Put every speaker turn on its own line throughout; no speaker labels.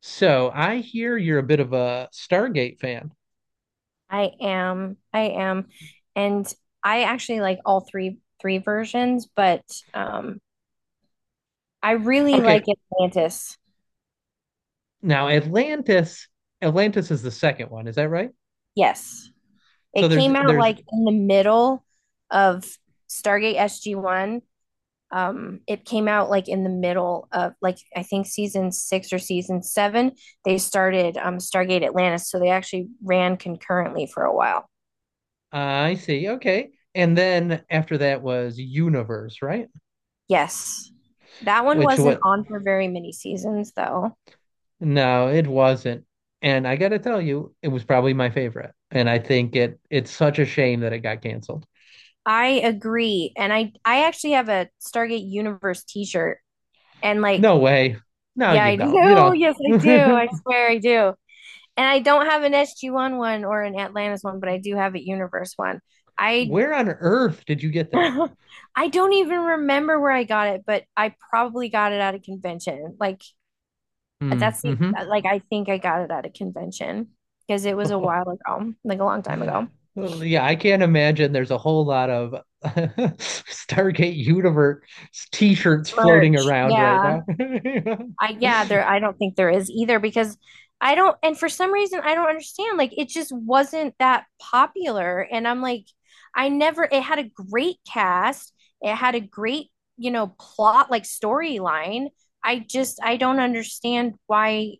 So I hear you're a bit of a Stargate fan.
I am. I am. And I actually like all three versions, but um I really like
Okay,
Atlantis.
now Atlantis, Atlantis is the second one, is that right?
Yes.
So
It
there's
came out
there's
like in the middle of Stargate SG-1. It came out like in the middle of like I think season 6 or season 7 they started Stargate Atlantis, so they actually ran concurrently for a while.
I see. Okay. And then after that was Universe, right?
Yes. That one
Which
wasn't
what
on for very many seasons though.
No, it wasn't. And I gotta tell you, it was probably my favorite. And I think it's such a shame that it got canceled.
I agree. And I actually have a Stargate Universe t-shirt. And like,
No way. No,
yeah,
you
I
don't. You
do.
don't.
Yes, I do. I swear I do. And I don't have an SG-1 one or an Atlantis one, but I do have a Universe one. I
Where on earth did you get that?
I don't even remember where I got it, but I probably got it at a convention. Like that's the
Mm,
like I think I got it at a convention because it was a
hmm
while ago, like a long time ago.
Well, yeah, I can't imagine there's a whole lot of Stargate Universe t-shirts floating
Merch.
around right
Yeah.
now.
I don't think there is either because I don't and for some reason I don't understand like it just wasn't that popular and I'm like I never it had a great cast, it had a great, you know, plot like storyline. I don't understand why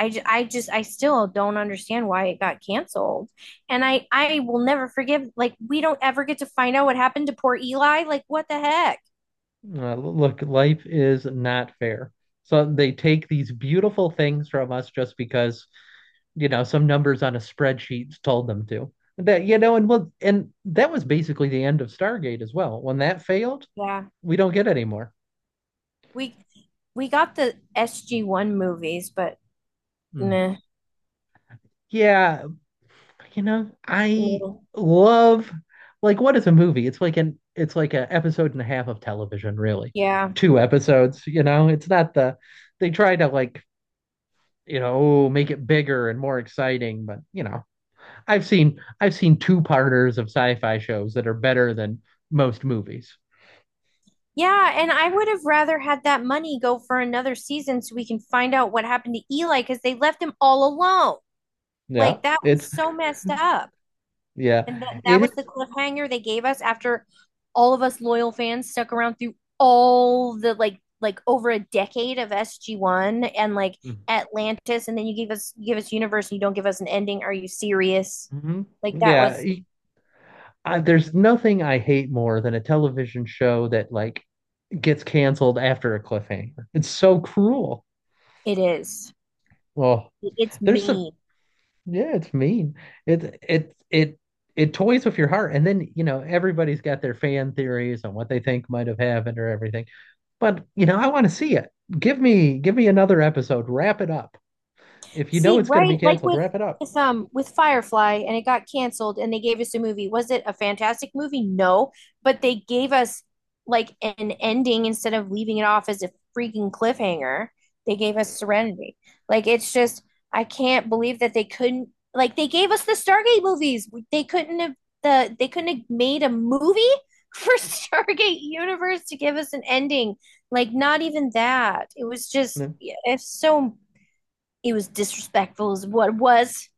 I, ju- I just I still don't understand why it got canceled. And I will never forgive like we don't ever get to find out what happened to poor Eli. Like what the heck?
Look, life is not fair. So they take these beautiful things from us just because, some numbers on a spreadsheet told them to. That, and well, and that was basically the end of Stargate as well. When that failed,
Yeah.
we don't get any more.
We we got the SG-1 movies, but
Mm.
nah,
Yeah, you know, I
no.
love like what is a movie? It's like an episode and a half of television, really.
Yeah.
Two episodes, you know. It's not the They try to like, you know, oh, make it bigger and more exciting, but you know, I've seen two-parters of sci-fi shows that are better than most movies.
Yeah, and I would have rather had that money go for another season so we can find out what happened to Eli because they left him all alone.
Yeah.
Like that was
It's
so messed up.
yeah.
And that
It
was the
is-
cliffhanger they gave us after all of us loyal fans stuck around through all the like over a decade of SG-1 and like Atlantis and then you give us universe and you don't give us an ending. Are you serious?
Mhm.
Like that
Yeah.
was.
There's nothing I hate more than a television show that like gets canceled after a cliffhanger. It's so cruel.
It is.
Well,
It's
there's some
me.
yeah, it's mean. It it it it toys with your heart. And then, you know, everybody's got their fan theories on what they think might have happened or everything. But, you know, I want to see it. Give me another episode. Wrap it up. If you know
See,
it's going to
right?
be
Like
canceled,
with
wrap it up.
with um with Firefly and it got canceled and they gave us a movie. Was it a fantastic movie? No, but they gave us like an ending instead of leaving it off as a freaking cliffhanger. They gave us Serenity. Like it's just I can't believe that they couldn't like they gave us the Stargate movies. They couldn't have they couldn't have made a movie for Stargate Universe to give us an ending. Like not even that. It was
Yeah,
just yeah, it's so it was disrespectful as what it was,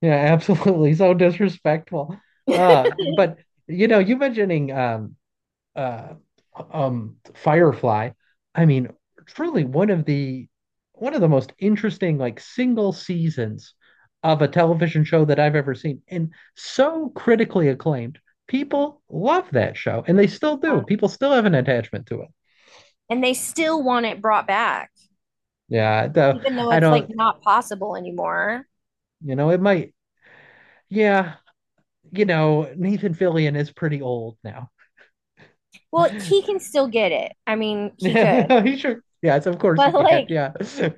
yeah, absolutely. So disrespectful. But you know, you mentioning uh, Firefly. I mean, truly one of the most interesting like single seasons of a television show that I've ever seen, and so critically acclaimed. People love that show, and they still do. People still have an attachment to it.
and they still want it brought back
Yeah, though
even though
I
it's like
don't,
not possible anymore.
you know, it might. Yeah, you know, Nathan Fillion is pretty old now.
Well, he can still get it. I mean, he could
Yeah, he sure. Yes, of course he
but
can.
like
Yeah.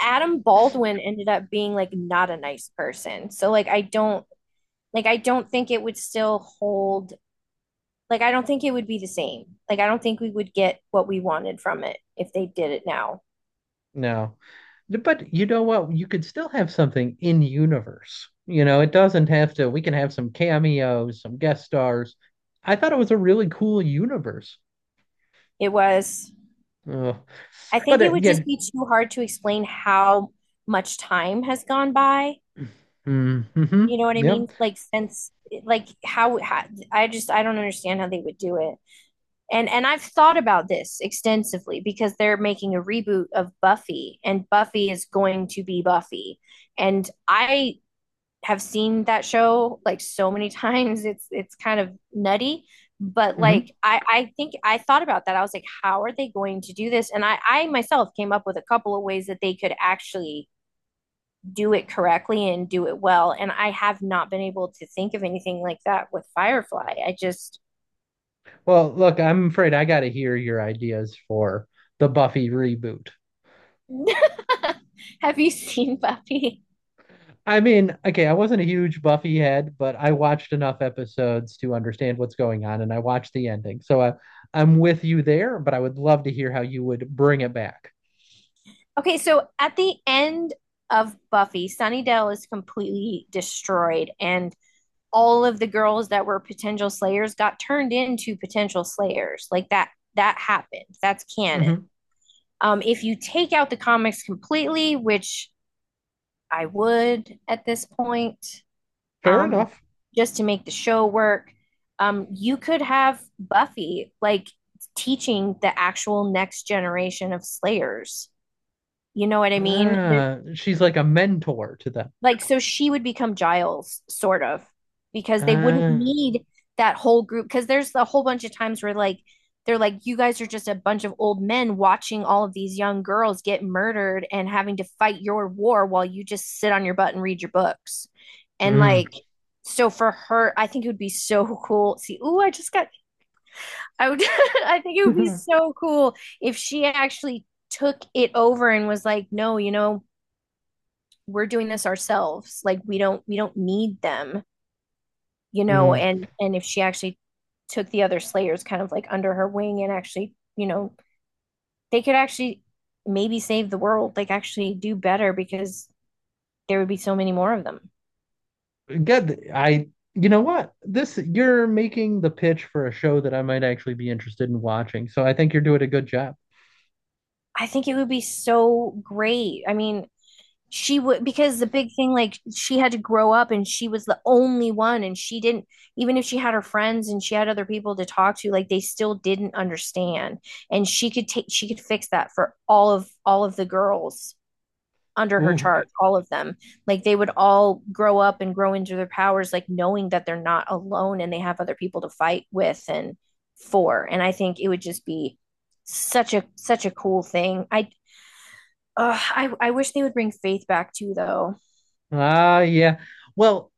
Adam Baldwin ended up being like not a nice person, so like I don't think it would still hold. Like I don't think it would be the same. Like I don't think we would get what we wanted from it if they did it now.
No. But you know what? You could still have something in universe. You know, it doesn't have to, we can have some cameos, some guest stars. I thought it was a really cool universe.
It was,
Ugh.
I
But
think it
it,
would
yeah,
just be too hard to explain how much time has gone by.
mm-hmm,
You know what I mean?
yep.
Like since like how I just I don't understand how they would do it. And I've thought about this extensively because they're making a reboot of Buffy, and Buffy is going to be Buffy. And I have seen that show like so many times. It's kind of nutty, but
Hmm.
like I think I thought about that. I was like, how are they going to do this? And I myself came up with a couple of ways that they could actually do it correctly and do it well. And I have not been able to think of anything like that with Firefly. I just
Well, look, I'm afraid I got to hear your ideas for the Buffy reboot.
have you seen Buffy?
I mean, okay, I wasn't a huge Buffy head, but I watched enough episodes to understand what's going on, and I watched the ending. So I'm with you there, but I would love to hear how you would bring it back.
Okay, so at the end of Buffy, Sunnydale is completely destroyed, and all of the girls that were potential slayers got turned into potential slayers. Like that happened. That's canon.
Hmm.
If you take out the comics completely, which I would at this point,
Fair
um,
enough.
just to make the show work. You could have Buffy like teaching the actual next generation of Slayers. You know what I mean?
Ah, she's like a mentor to them.
Like, so she would become Giles, sort of, because they wouldn't
Ah,
need that whole group. Because there's a whole bunch of times where, like, they're like, you guys are just a bunch of old men watching all of these young girls get murdered and having to fight your war while you just sit on your butt and read your books. And,
mm,
like, so for her, I think it would be so cool. See, ooh, I just got, I would, I think it would be so cool if she actually took it over and was like, no, you know, we're doing this ourselves. Like we don't need them, you know.
mm.
And if she actually took the other slayers kind of like under her wing and actually, you know, they could actually maybe save the world, like actually do better because there would be so many more of them.
Good. You know what? You're making the pitch for a show that I might actually be interested in watching. So I think you're doing a good job.
I think it would be so great. I mean, she would, because the big thing, like she had to grow up and she was the only one, and she didn't, even if she had her friends and she had other people to talk to, like they still didn't understand. And she could fix that for all of the girls under her
Ooh, g-
chart, all of them. Like they would all grow up and grow into their powers, like knowing that they're not alone and they have other people to fight with and for. And I think it would just be such a cool thing. I wish they would bring faith back too though.
ah, yeah. Well,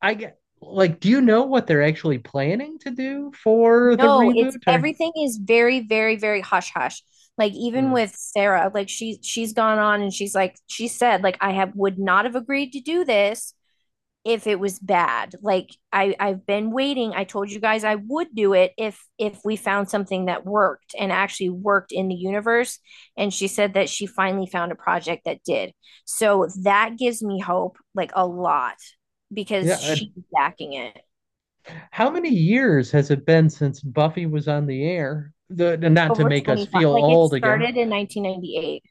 I get, like, do you know what they're actually planning to do for the
No, it's,
reboot? Or,
everything is very, very, very hush hush. Like even
mm,
with Sarah, like she's gone on and she's like she said like I have would not have agreed to do this if it was bad. Like I've been waiting. I told you guys I would do it if we found something that worked and actually worked in the universe. And she said that she finally found a project that did. So that gives me hope, like a lot,
yeah.
because she's backing it
How many years has it been since Buffy was on the air? Not to
over
make us feel
25, like it
old again.
started in 1998.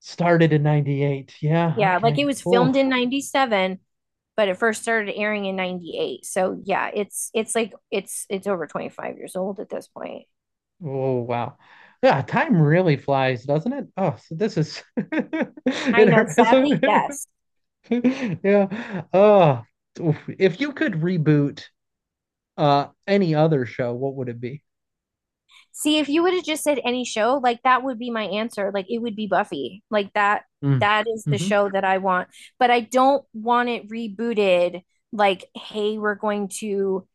Started in 98. Yeah,
Yeah, like it
okay.
was filmed
Oh,
in 97, but it first started airing in 98. So yeah, it's like it's over 25 years old at this point.
oh wow. Yeah, time really flies, doesn't it? Oh, so this is
I
it
know,
hurts.
sadly, yes.
Yeah. Oh, oof. If you could reboot any other show, what would it be?
See, if you would have just said any show, like that would be my answer. Like it would be Buffy. Like that
Mm.
that is the
Hmm.
show that I want. But I don't want it rebooted like, hey, we're going to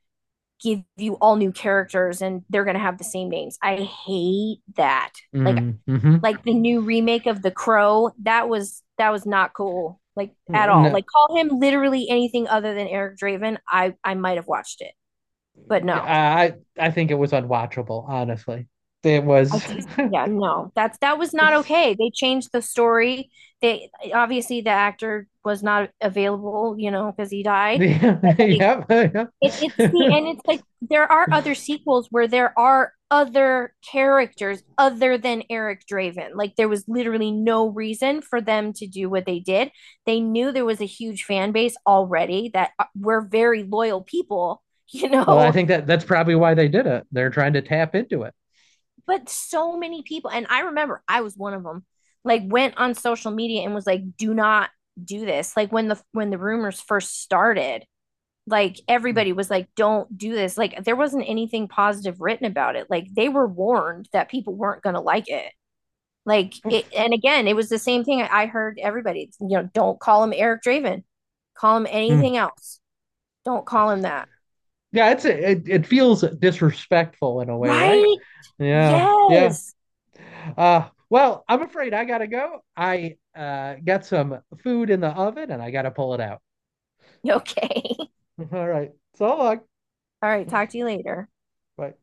give you all new characters and they're going to have the same names. I hate that. Like
Mm.
like the new remake of The Crow, that was not cool, like at
Hmm.
all.
No.
Like call him literally anything other than Eric Draven, I might have watched it, but no,
I think it was unwatchable, honestly. It
I
was
just yeah no, that was not okay. They changed the story. They obviously, the actor was not available, you know, because he died.
the
But like
yeah, yeah.
it's like there are other sequels where there are other characters other than Eric Draven. Like there was literally no reason for them to do what they did. They knew there was a huge fan base already that were very loyal people, you
Well, I
know.
think that that's probably why they did it. They're trying to tap into it.
But so many people, and I remember I was one of them. Like went on social media and was like, "Do not do this." Like when the rumors first started, like
Mm.
everybody was like, don't do this. Like there wasn't anything positive written about it. Like they were warned that people weren't going to like it.
Oof.
And again, it was the same thing. I heard everybody, you know, don't call him Eric Draven, call him
Mm.
anything else, don't call him that.
Yeah, it feels disrespectful in a way, right?
Right.
Yeah, yeah.
Yes.
Well, I'm afraid I gotta go. I got some food in the oven and I gotta pull it out.
Okay.
All right. So long.
All right, talk to you later.
Bye.